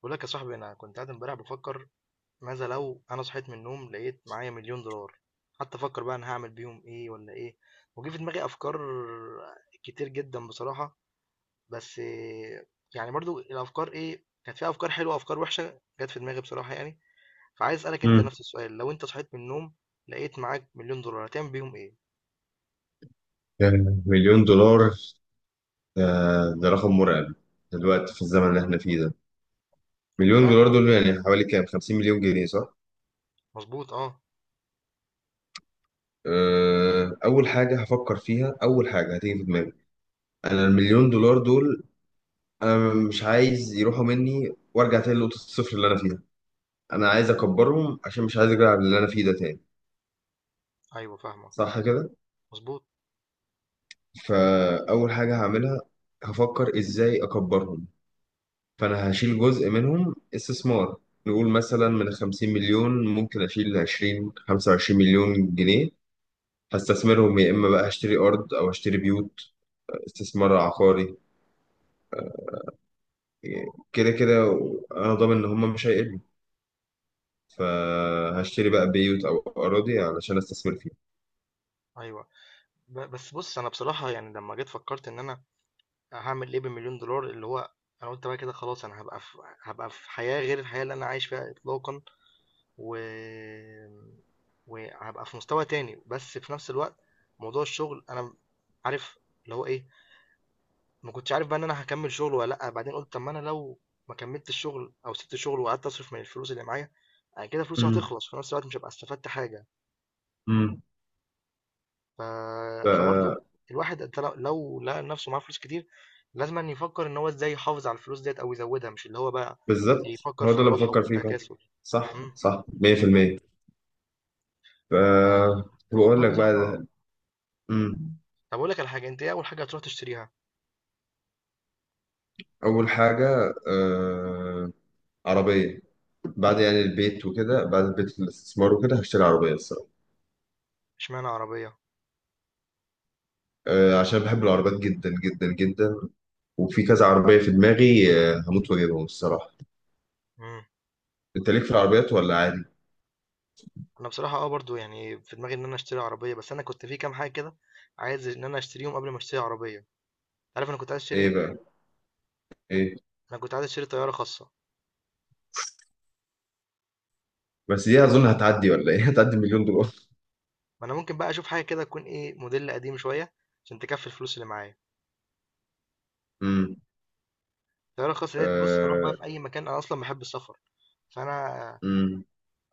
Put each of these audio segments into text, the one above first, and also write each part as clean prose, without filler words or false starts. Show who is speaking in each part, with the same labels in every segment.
Speaker 1: بقول لك يا صاحبي، انا كنت قاعد امبارح بفكر ماذا لو انا صحيت من النوم لقيت معايا مليون دولار، حتى افكر بقى انا هعمل بيهم ايه ولا ايه. وجه في دماغي افكار كتير جدا بصراحة، بس يعني برضو الافكار ايه، كانت فيها افكار حلوة افكار وحشة جت في دماغي بصراحة يعني. فعايز اسالك انت
Speaker 2: مم.
Speaker 1: نفس السؤال، لو انت صحيت من النوم لقيت معاك مليون دولار هتعمل بيهم ايه؟
Speaker 2: كان مليون دولار. ده رقم مرعب دلوقتي في الزمن اللي احنا فيه ده. مليون
Speaker 1: فعلا،
Speaker 2: دولار دول يعني حوالي كام؟ 50 مليون جنيه صح؟
Speaker 1: مظبوط اه.
Speaker 2: اول حاجه هفكر فيها، اول حاجه هتيجي في دماغي، انا المليون دولار دول انا مش عايز يروحوا مني وارجع تاني لنقطه الصفر اللي انا فيها. انا عايز اكبرهم عشان مش عايز ارجع اللي انا فيه ده تاني.
Speaker 1: ايوه فاهمك،
Speaker 2: صح كده؟
Speaker 1: مظبوط.
Speaker 2: فاول حاجه هعملها، هفكر ازاي اكبرهم. فانا هشيل جزء منهم استثمار. نقول مثلا من 50 مليون ممكن اشيل 20 25 مليون جنيه، هستثمرهم يا اما بقى هشتري ارض او هشتري بيوت. استثمار عقاري، كده كده انا ضامن ان هم مش هيقلوا. فهشتري بقى بيوت او اراضي علشان استثمر فيها.
Speaker 1: ايوه. بس بص، انا بصراحة يعني لما جيت فكرت ان انا هاعمل إيه بمليون دولار، اللي هو أنا قُلت بقى كده خلاص أنا هابقى في حياة غير الحياة اللي أنا عايش فيها إطلاقًا، و وهابقى في مستوى تاني، بس في نفس الوقت موضوع الشغل أنا عارف اللي هو إيه، ما كنتش عارف بقى إن أنا هاكمّل شغل والّا لأ. بعدين قُلت طب ما أنا لو ما كمّلتش شغل أو سِبت شغل وقعدت أصرف من الفلوس اللي معايا، أنا كده فلوسي
Speaker 2: امم
Speaker 1: هتخلص، في نفس الوقت مش هابقى استفدت حاجة.
Speaker 2: امم
Speaker 1: ف... فبرضه الواحد، انت لو لقى نفسه معاه فلوس كتير، لازم أن يفكر ان هو ازاي يحافظ على الفلوس ديت او يزودها، مش اللي هو بقى
Speaker 2: بالظبط
Speaker 1: يفكر
Speaker 2: هو
Speaker 1: في
Speaker 2: ده اللي
Speaker 1: الراحه
Speaker 2: بفكر فيه فعلا.
Speaker 1: والتكاسل.
Speaker 2: صح
Speaker 1: امم.
Speaker 2: صح، 100%. ف
Speaker 1: ف...
Speaker 2: بقول
Speaker 1: فالموضوع
Speaker 2: لك بقى
Speaker 1: بصراحه.
Speaker 2: ده. امم
Speaker 1: طب اقول لك على حاجه، انت ايه اول حاجه هتروح تشتريها؟
Speaker 2: اول حاجه عربية. بعد يعني البيت وكده، بعد البيت الاستثمار وكده هشتري عربية الصراحة.
Speaker 1: اشمعنى عربيه؟
Speaker 2: عشان بحب العربيات جدا جدا جدا، وفي كذا عربية في دماغي هموت واجيبهم الصراحة.
Speaker 1: امم.
Speaker 2: انت ليك في العربيات ولا عادي؟
Speaker 1: انا بصراحه اه برضو يعني في دماغي ان انا اشتري عربيه، بس انا كنت في كام حاجه كده عايز ان انا اشتريهم قبل ما اشتري عربيه. عارف انا كنت عايز اشتري
Speaker 2: ايه
Speaker 1: ايه؟
Speaker 2: بقى؟ ايه؟
Speaker 1: انا كنت عايز اشتري طياره خاصه.
Speaker 2: بس دي اظن هتعدي ولا ايه؟ هتعدي مليون دولار.
Speaker 1: ما انا ممكن بقى اشوف حاجه كده تكون ايه موديل قديم شويه عشان تكفي الفلوس اللي معايا.
Speaker 2: امم
Speaker 1: الطيارة الخاصة ديت، بص هروح بقى
Speaker 2: آه،
Speaker 1: في أي مكان، أنا أصلا بحب السفر. فأنا
Speaker 2: امم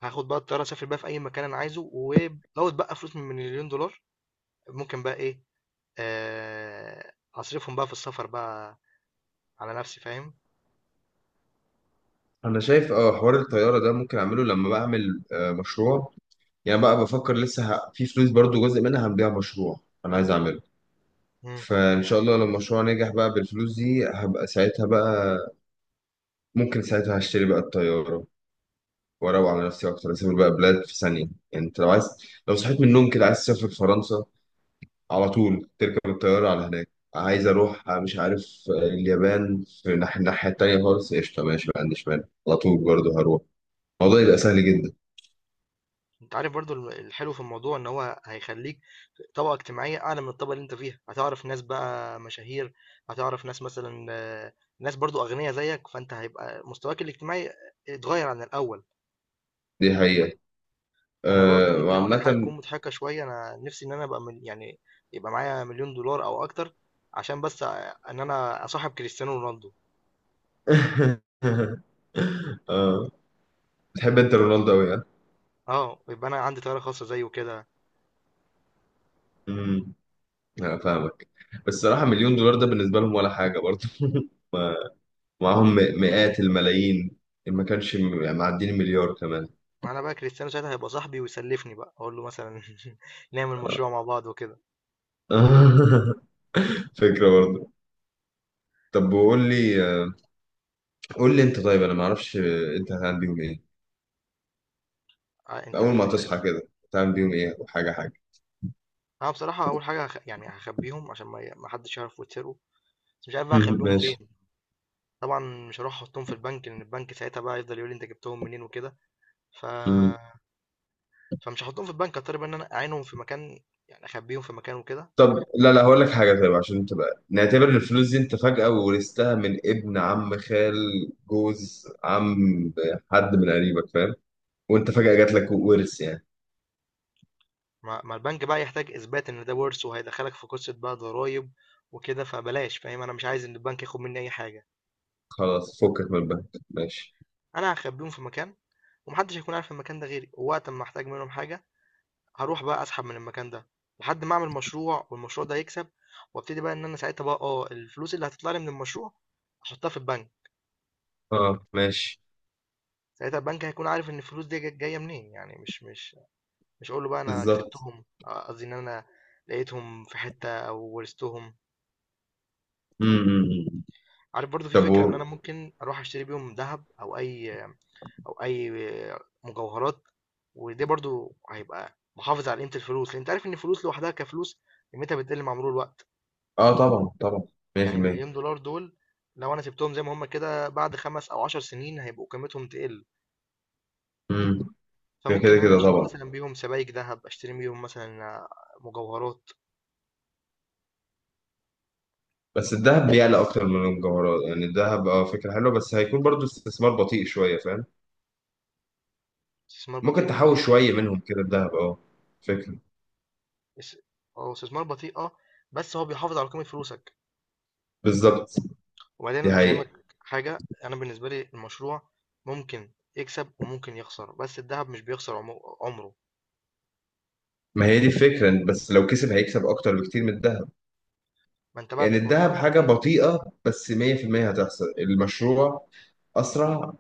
Speaker 1: هاخد بقى الطيارة أسافر بقى في أي مكان أنا عايزه، ولو بقى فلوس من مليون دولار ممكن بقى إيه، آه، أصرفهم بقى في السفر بقى على نفسي، فاهم.
Speaker 2: انا شايف حوار الطيارة ده ممكن اعمله لما بعمل مشروع. يعني بقى بفكر لسه في فلوس برضو جزء منها هنبيع مشروع انا عايز اعمله.
Speaker 1: مم.
Speaker 2: فان شاء الله لو المشروع نجح بقى، بالفلوس دي هبقى ساعتها بقى ممكن ساعتها هشتري بقى الطيارة، وأروق على نفسي أكتر، أسافر بقى بلاد في ثانية. يعني أنت لو عايز، لو صحيت من النوم كده عايز تسافر فرنسا، على طول تركب الطيارة على هناك. عايز أروح مش عارف، اليابان في الناحية التانية خالص، قشطة ماشي ما عنديش مانع على طول برضه هروح. الموضوع يبقى سهل جدا.
Speaker 1: أنت عارف برضو الحلو في الموضوع إن هو هيخليك طبقة اجتماعية أعلى من الطبقة اللي أنت فيها، هتعرف ناس بقى مشاهير، هتعرف ناس مثلا آه، ناس برضو أغنياء زيك، فأنت هيبقى مستواك الاجتماعي اتغير عن الأول.
Speaker 2: دي حقيقة.
Speaker 1: انا برضو
Speaker 2: أه،
Speaker 1: ممكن اقول لك حاجه
Speaker 2: وعامة
Speaker 1: تكون مضحكه شويه، انا نفسي ان انا يعني يبقى معايا مليون دولار او اكتر، عشان بس ان انا اصاحب كريستيانو رونالدو.
Speaker 2: أه، بتحب أنت رونالدو أوي ها؟
Speaker 1: اه يبقى انا عندي طياره خاصه زيه كده.
Speaker 2: أمم أنا فاهمك. بس الصراحة مليون دولار ده بالنسبة لهم ولا حاجة برضه ومعاهم مئات الملايين، إن ما كانش يعني معدين المليار كمان.
Speaker 1: وانا بقى كريستيانو ساعتها هيبقى صاحبي، ويسلفني بقى اقول له مثلا نعمل مشروع مع بعض وكده.
Speaker 2: فكرة برضه. طب وقول لي، قول لي انت. طيب انا ما اعرفش، انت هتعمل بيهم ايه
Speaker 1: آه، انت
Speaker 2: اول ما تصحى كده؟ هتعمل بيهم ايه وحاجة حاجة؟
Speaker 1: انا بصراحه اول حاجه يعني هخبيهم عشان ما حدش يعرف ويتسرقوا، بس مش عارف بقى اخبيهم
Speaker 2: ماشي.
Speaker 1: فين. طبعا مش هروح احطهم في البنك، لان البنك ساعتها بقى يفضل يقول لي انت جبتهم منين وكده. ف
Speaker 2: مم.
Speaker 1: فمش هاحطهم في البنك، هاضطر بقى إن أنا أعينهم في مكان، يعني أخبيهم في مكان وكده.
Speaker 2: طب لا لا، هقول لك حاجة. طيب عشان تبقى، نعتبر الفلوس دي انت فجأة ورثتها من ابن عم، خال، جوز عم، حد من قريبك فاهم، وانت فجأة
Speaker 1: مم.
Speaker 2: جات لك ورث يعني.
Speaker 1: ما البنك بقى يحتاج إثبات إن ده ورث، وهيدخلك في قصة بقى ضرايب وكده، فبلاش فاهم، أنا مش عايز إن البنك ياخد مني أي حاجة.
Speaker 2: خلاص، فكك من البنك. ماشي.
Speaker 1: أنا هخبيهم في مكان، ومحدش هيكون عارف المكان ده غيري. ووقت ما أحتاج منهم حاجة، هروح بقى أسحب من المكان ده، لحد ما أعمل مشروع والمشروع ده يكسب، وابتدي بقى إن أنا ساعتها بقى أه الفلوس اللي هتطلع لي من المشروع أحطها في البنك.
Speaker 2: اه ماشي.
Speaker 1: ساعتها البنك هيكون عارف إن الفلوس دي جاية منين، يعني مش هاقول له بقى أنا
Speaker 2: بالظبط.
Speaker 1: كسبتهم، آه، قصدي إن أنا لقيتهم في حتة أو ورثتهم.
Speaker 2: امم
Speaker 1: عارف برضو في
Speaker 2: طب
Speaker 1: فكرة إن أنا ممكن أروح أشتري بيهم ذهب، أو أي مجوهرات. وده برضو هيبقى محافظ على قيمة الفلوس، لأن أنت عارف إن الفلوس لوحدها كفلوس قيمتها بتقل مع مرور الوقت.
Speaker 2: اه طبعا طبعا،
Speaker 1: يعني
Speaker 2: 100%.
Speaker 1: المليون دولار دول لو أنا سبتهم زي ما هما كده، بعد خمس أو عشر سنين هيبقوا قيمتهم تقل.
Speaker 2: امم كده كده
Speaker 1: فممكن إن أنا
Speaker 2: كده
Speaker 1: أشتري
Speaker 2: طبعا.
Speaker 1: مثلا بيهم سبائك ذهب، أشتري بيهم مثلا آه، مجوهرات.
Speaker 2: بس الذهب بيعلى اكتر من الجوهرات، يعني الذهب فكره حلوه، بس هيكون برضو استثمار بطيء شويه فاهم؟
Speaker 1: استثمار بطيء
Speaker 2: ممكن
Speaker 1: من ناحية
Speaker 2: تحوش شويه
Speaker 1: إيه؟
Speaker 2: منهم كده الذهب، فكره.
Speaker 1: اس هو استثمار بطيء اه، بس هو بيحافظ على قيمة فلوسك.
Speaker 2: بالظبط.
Speaker 1: وبعدين
Speaker 2: دي حقيقه.
Speaker 1: افهمك حاجة، انا بالنسبة لي المشروع ممكن يكسب وممكن يخسر، بس الذهب مش بيخسر عمره.
Speaker 2: ما هي دي الفكره، بس لو كسب هيكسب اكتر بكتير من الذهب.
Speaker 1: ما انت بقى
Speaker 2: يعني
Speaker 1: بتبقى
Speaker 2: الذهب
Speaker 1: قدامك بقى
Speaker 2: حاجه
Speaker 1: ايه؟
Speaker 2: بطيئه، بس 100% هتحصل المشروع اسرع،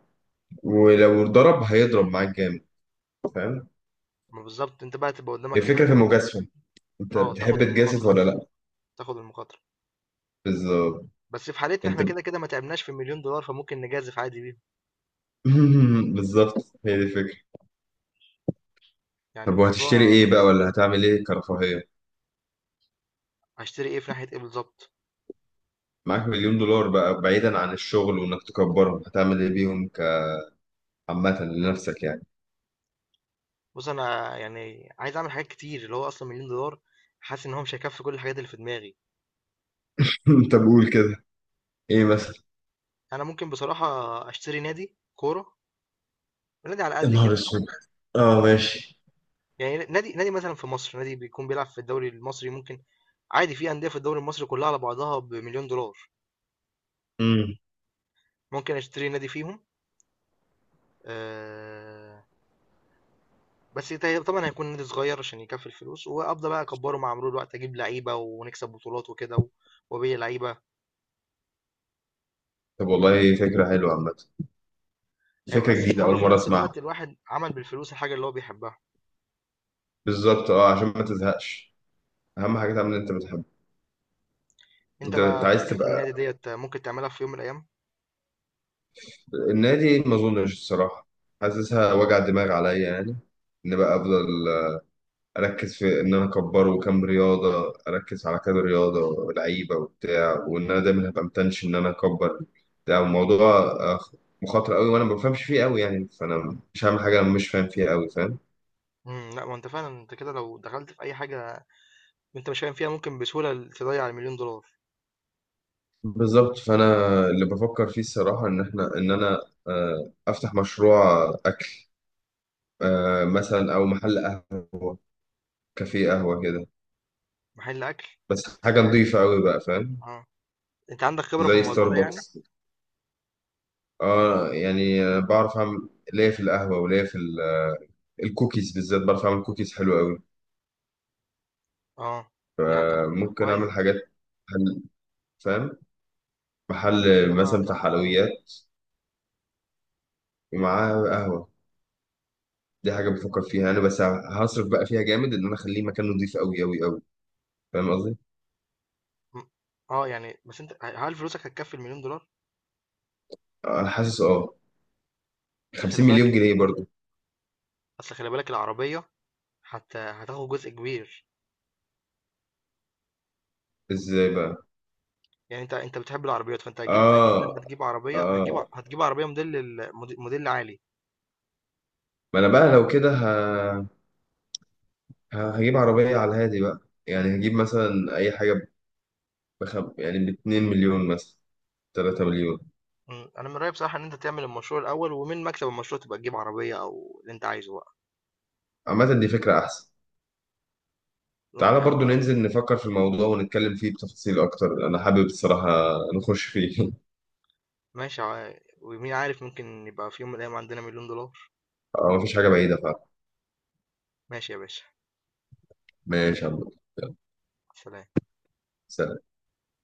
Speaker 2: ولو ضرب هيضرب معاك جامد فاهم؟
Speaker 1: ما بالظبط، انت بقى تبقى
Speaker 2: هي
Speaker 1: قدامك ان
Speaker 2: الفكره
Speaker 1: انت
Speaker 2: في المجازفه. انت
Speaker 1: اه
Speaker 2: بتحب
Speaker 1: تاخد
Speaker 2: تجازف
Speaker 1: المخاطرة،
Speaker 2: ولا لا؟
Speaker 1: تاخد المخاطرة.
Speaker 2: بالظبط.
Speaker 1: بس في حالتنا
Speaker 2: انت
Speaker 1: احنا
Speaker 2: ب-
Speaker 1: كده كده ما تعبناش في مليون دولار، فممكن نجازف عادي بيهم.
Speaker 2: بالظبط. هي دي الفكره.
Speaker 1: يعني
Speaker 2: طب وهتشتري ايه
Speaker 1: الموضوع.
Speaker 2: بقى، ولا هتعمل ايه كرفاهيه؟
Speaker 1: هشتري ايه في ناحية ايه بالظبط؟
Speaker 2: معاك مليون دولار بقى، بعيدا عن الشغل وانك تكبرهم، هتعمل ايه بيهم كعامه
Speaker 1: مم.
Speaker 2: لنفسك يعني؟
Speaker 1: بص انا يعني عايز اعمل حاجات كتير، اللي هو اصلا مليون دولار حاسس ان هو مش هيكفي كل الحاجات اللي في دماغي.
Speaker 2: طب قول كده، ايه مثلا؟
Speaker 1: انا ممكن بصراحه اشتري نادي كوره، نادي على
Speaker 2: يا
Speaker 1: قد
Speaker 2: نهار
Speaker 1: كده.
Speaker 2: اسود. اه ماشي.
Speaker 1: يعني نادي مثلا في مصر نادي بيكون بيلعب في الدوري المصري، ممكن عادي في انديه في الدوري المصري كلها على بعضها بمليون دولار.
Speaker 2: امم
Speaker 1: ممكن اشتري نادي فيهم، آه. بس طبعا هيكون نادي صغير عشان يكفي الفلوس، وابدا بقى اكبره مع مرور الوقت، اجيب لعيبه ونكسب بطولات وكده وابيع لعيبه.
Speaker 2: طب والله فكره حلوه عامه،
Speaker 1: هيبقى
Speaker 2: فكره جديده
Speaker 1: استثمار،
Speaker 2: اول
Speaker 1: وفي
Speaker 2: مره
Speaker 1: نفس
Speaker 2: اسمعها.
Speaker 1: الوقت الواحد عمل بالفلوس الحاجه اللي هو بيحبها.
Speaker 2: بالظبط عشان ما تزهقش، اهم حاجه تعمل اللي انت بتحبه.
Speaker 1: انت
Speaker 2: انت
Speaker 1: بقى
Speaker 2: عايز
Speaker 1: فكره
Speaker 2: تبقى،
Speaker 1: النادي ديت ممكن تعملها في يوم من الايام.
Speaker 2: النادي ما اظنش الصراحه، حاسسها وجع دماغ عليا يعني، ان بقى افضل اركز في ان انا اكبره. كام رياضه اركز على كذا رياضه، لعيبه وبتاع، وان انا دايما هبقى متنشن ان انا اكبر بتاع الموضوع. مخاطر قوي وانا ما بفهمش فيه قوي يعني، فانا مش هعمل حاجه انا مش فاهم فيها قوي فاهم؟
Speaker 1: امم. لا ما انت فعلا، انت كده لو دخلت في اي حاجه انت مش فاهم فيها، ممكن بسهولة تضيع المليون دولار.
Speaker 2: بالظبط. فانا اللي بفكر فيه الصراحه ان احنا، ان انا آه، افتح مشروع اكل. مثلا او محل قهوه، كافيه قهوه كده.
Speaker 1: محل اكل.
Speaker 2: بس حاجه نظيفه قوي بقى فاهم؟
Speaker 1: اه انت عندك خبرة في
Speaker 2: زي
Speaker 1: الموضوع ده يعني؟
Speaker 2: ستاربكس. بعرف اعمل ليا في القهوه وليا في الكوكيز بالذات، بعرف اعمل كوكيز حلو قوي.
Speaker 1: اه يعني طب طب
Speaker 2: ممكن
Speaker 1: كويس،
Speaker 2: اعمل
Speaker 1: انت
Speaker 2: حاجات، محل فاهم،
Speaker 1: انت
Speaker 2: محل
Speaker 1: كده بقى
Speaker 2: مثلا بتاع
Speaker 1: هتعرف اه.
Speaker 2: حلويات ومعاها قهوه. دي حاجه بفكر فيها انا. بس هصرف بقى فيها جامد ان انا اخليه مكان نضيف قوي قوي قوي فاهم قصدي؟
Speaker 1: م- اه يعني، بس انت هل فلوسك هتكفي المليون دولار؟
Speaker 2: انا حاسس
Speaker 1: اصل
Speaker 2: 50
Speaker 1: خلي
Speaker 2: مليون
Speaker 1: بالك،
Speaker 2: جنيه برضو.
Speaker 1: اصل خلي بالك العربية حتى هتاخد جزء كبير.
Speaker 2: ازاي بقى؟
Speaker 1: يعني انت انت بتحب العربيات، فانت هتجيب اكيد
Speaker 2: اه
Speaker 1: لما تجيب عربية هتجيب
Speaker 2: اه.
Speaker 1: هتجيب عربية موديل موديل عالي.
Speaker 2: ما انا بقى لو كده هجيب عربيه على الهادي بقى، يعني هجيب مثلا اي حاجه يعني ب 2 مليون مثلا، 3 مليون.
Speaker 1: م، انا من رأيي بصراحة ان انت تعمل المشروع الاول، ومن مكسب المشروع تبقى تجيب عربية او اللي انت عايزه بقى.
Speaker 2: عامه دي فكره احسن. تعالى برضو
Speaker 1: هو.
Speaker 2: ننزل نفكر في الموضوع ونتكلم فيه بتفاصيل أكتر، أنا حابب الصراحة نخش فيه.
Speaker 1: ماشي ومين عارف، ممكن يبقى في يوم من الأيام عندنا مليون دولار.
Speaker 2: مفيش حاجة بعيدة فعلا.
Speaker 1: ماشي يا باشا.
Speaker 2: ماشي يا عم. يلا،
Speaker 1: سلام.
Speaker 2: سلام.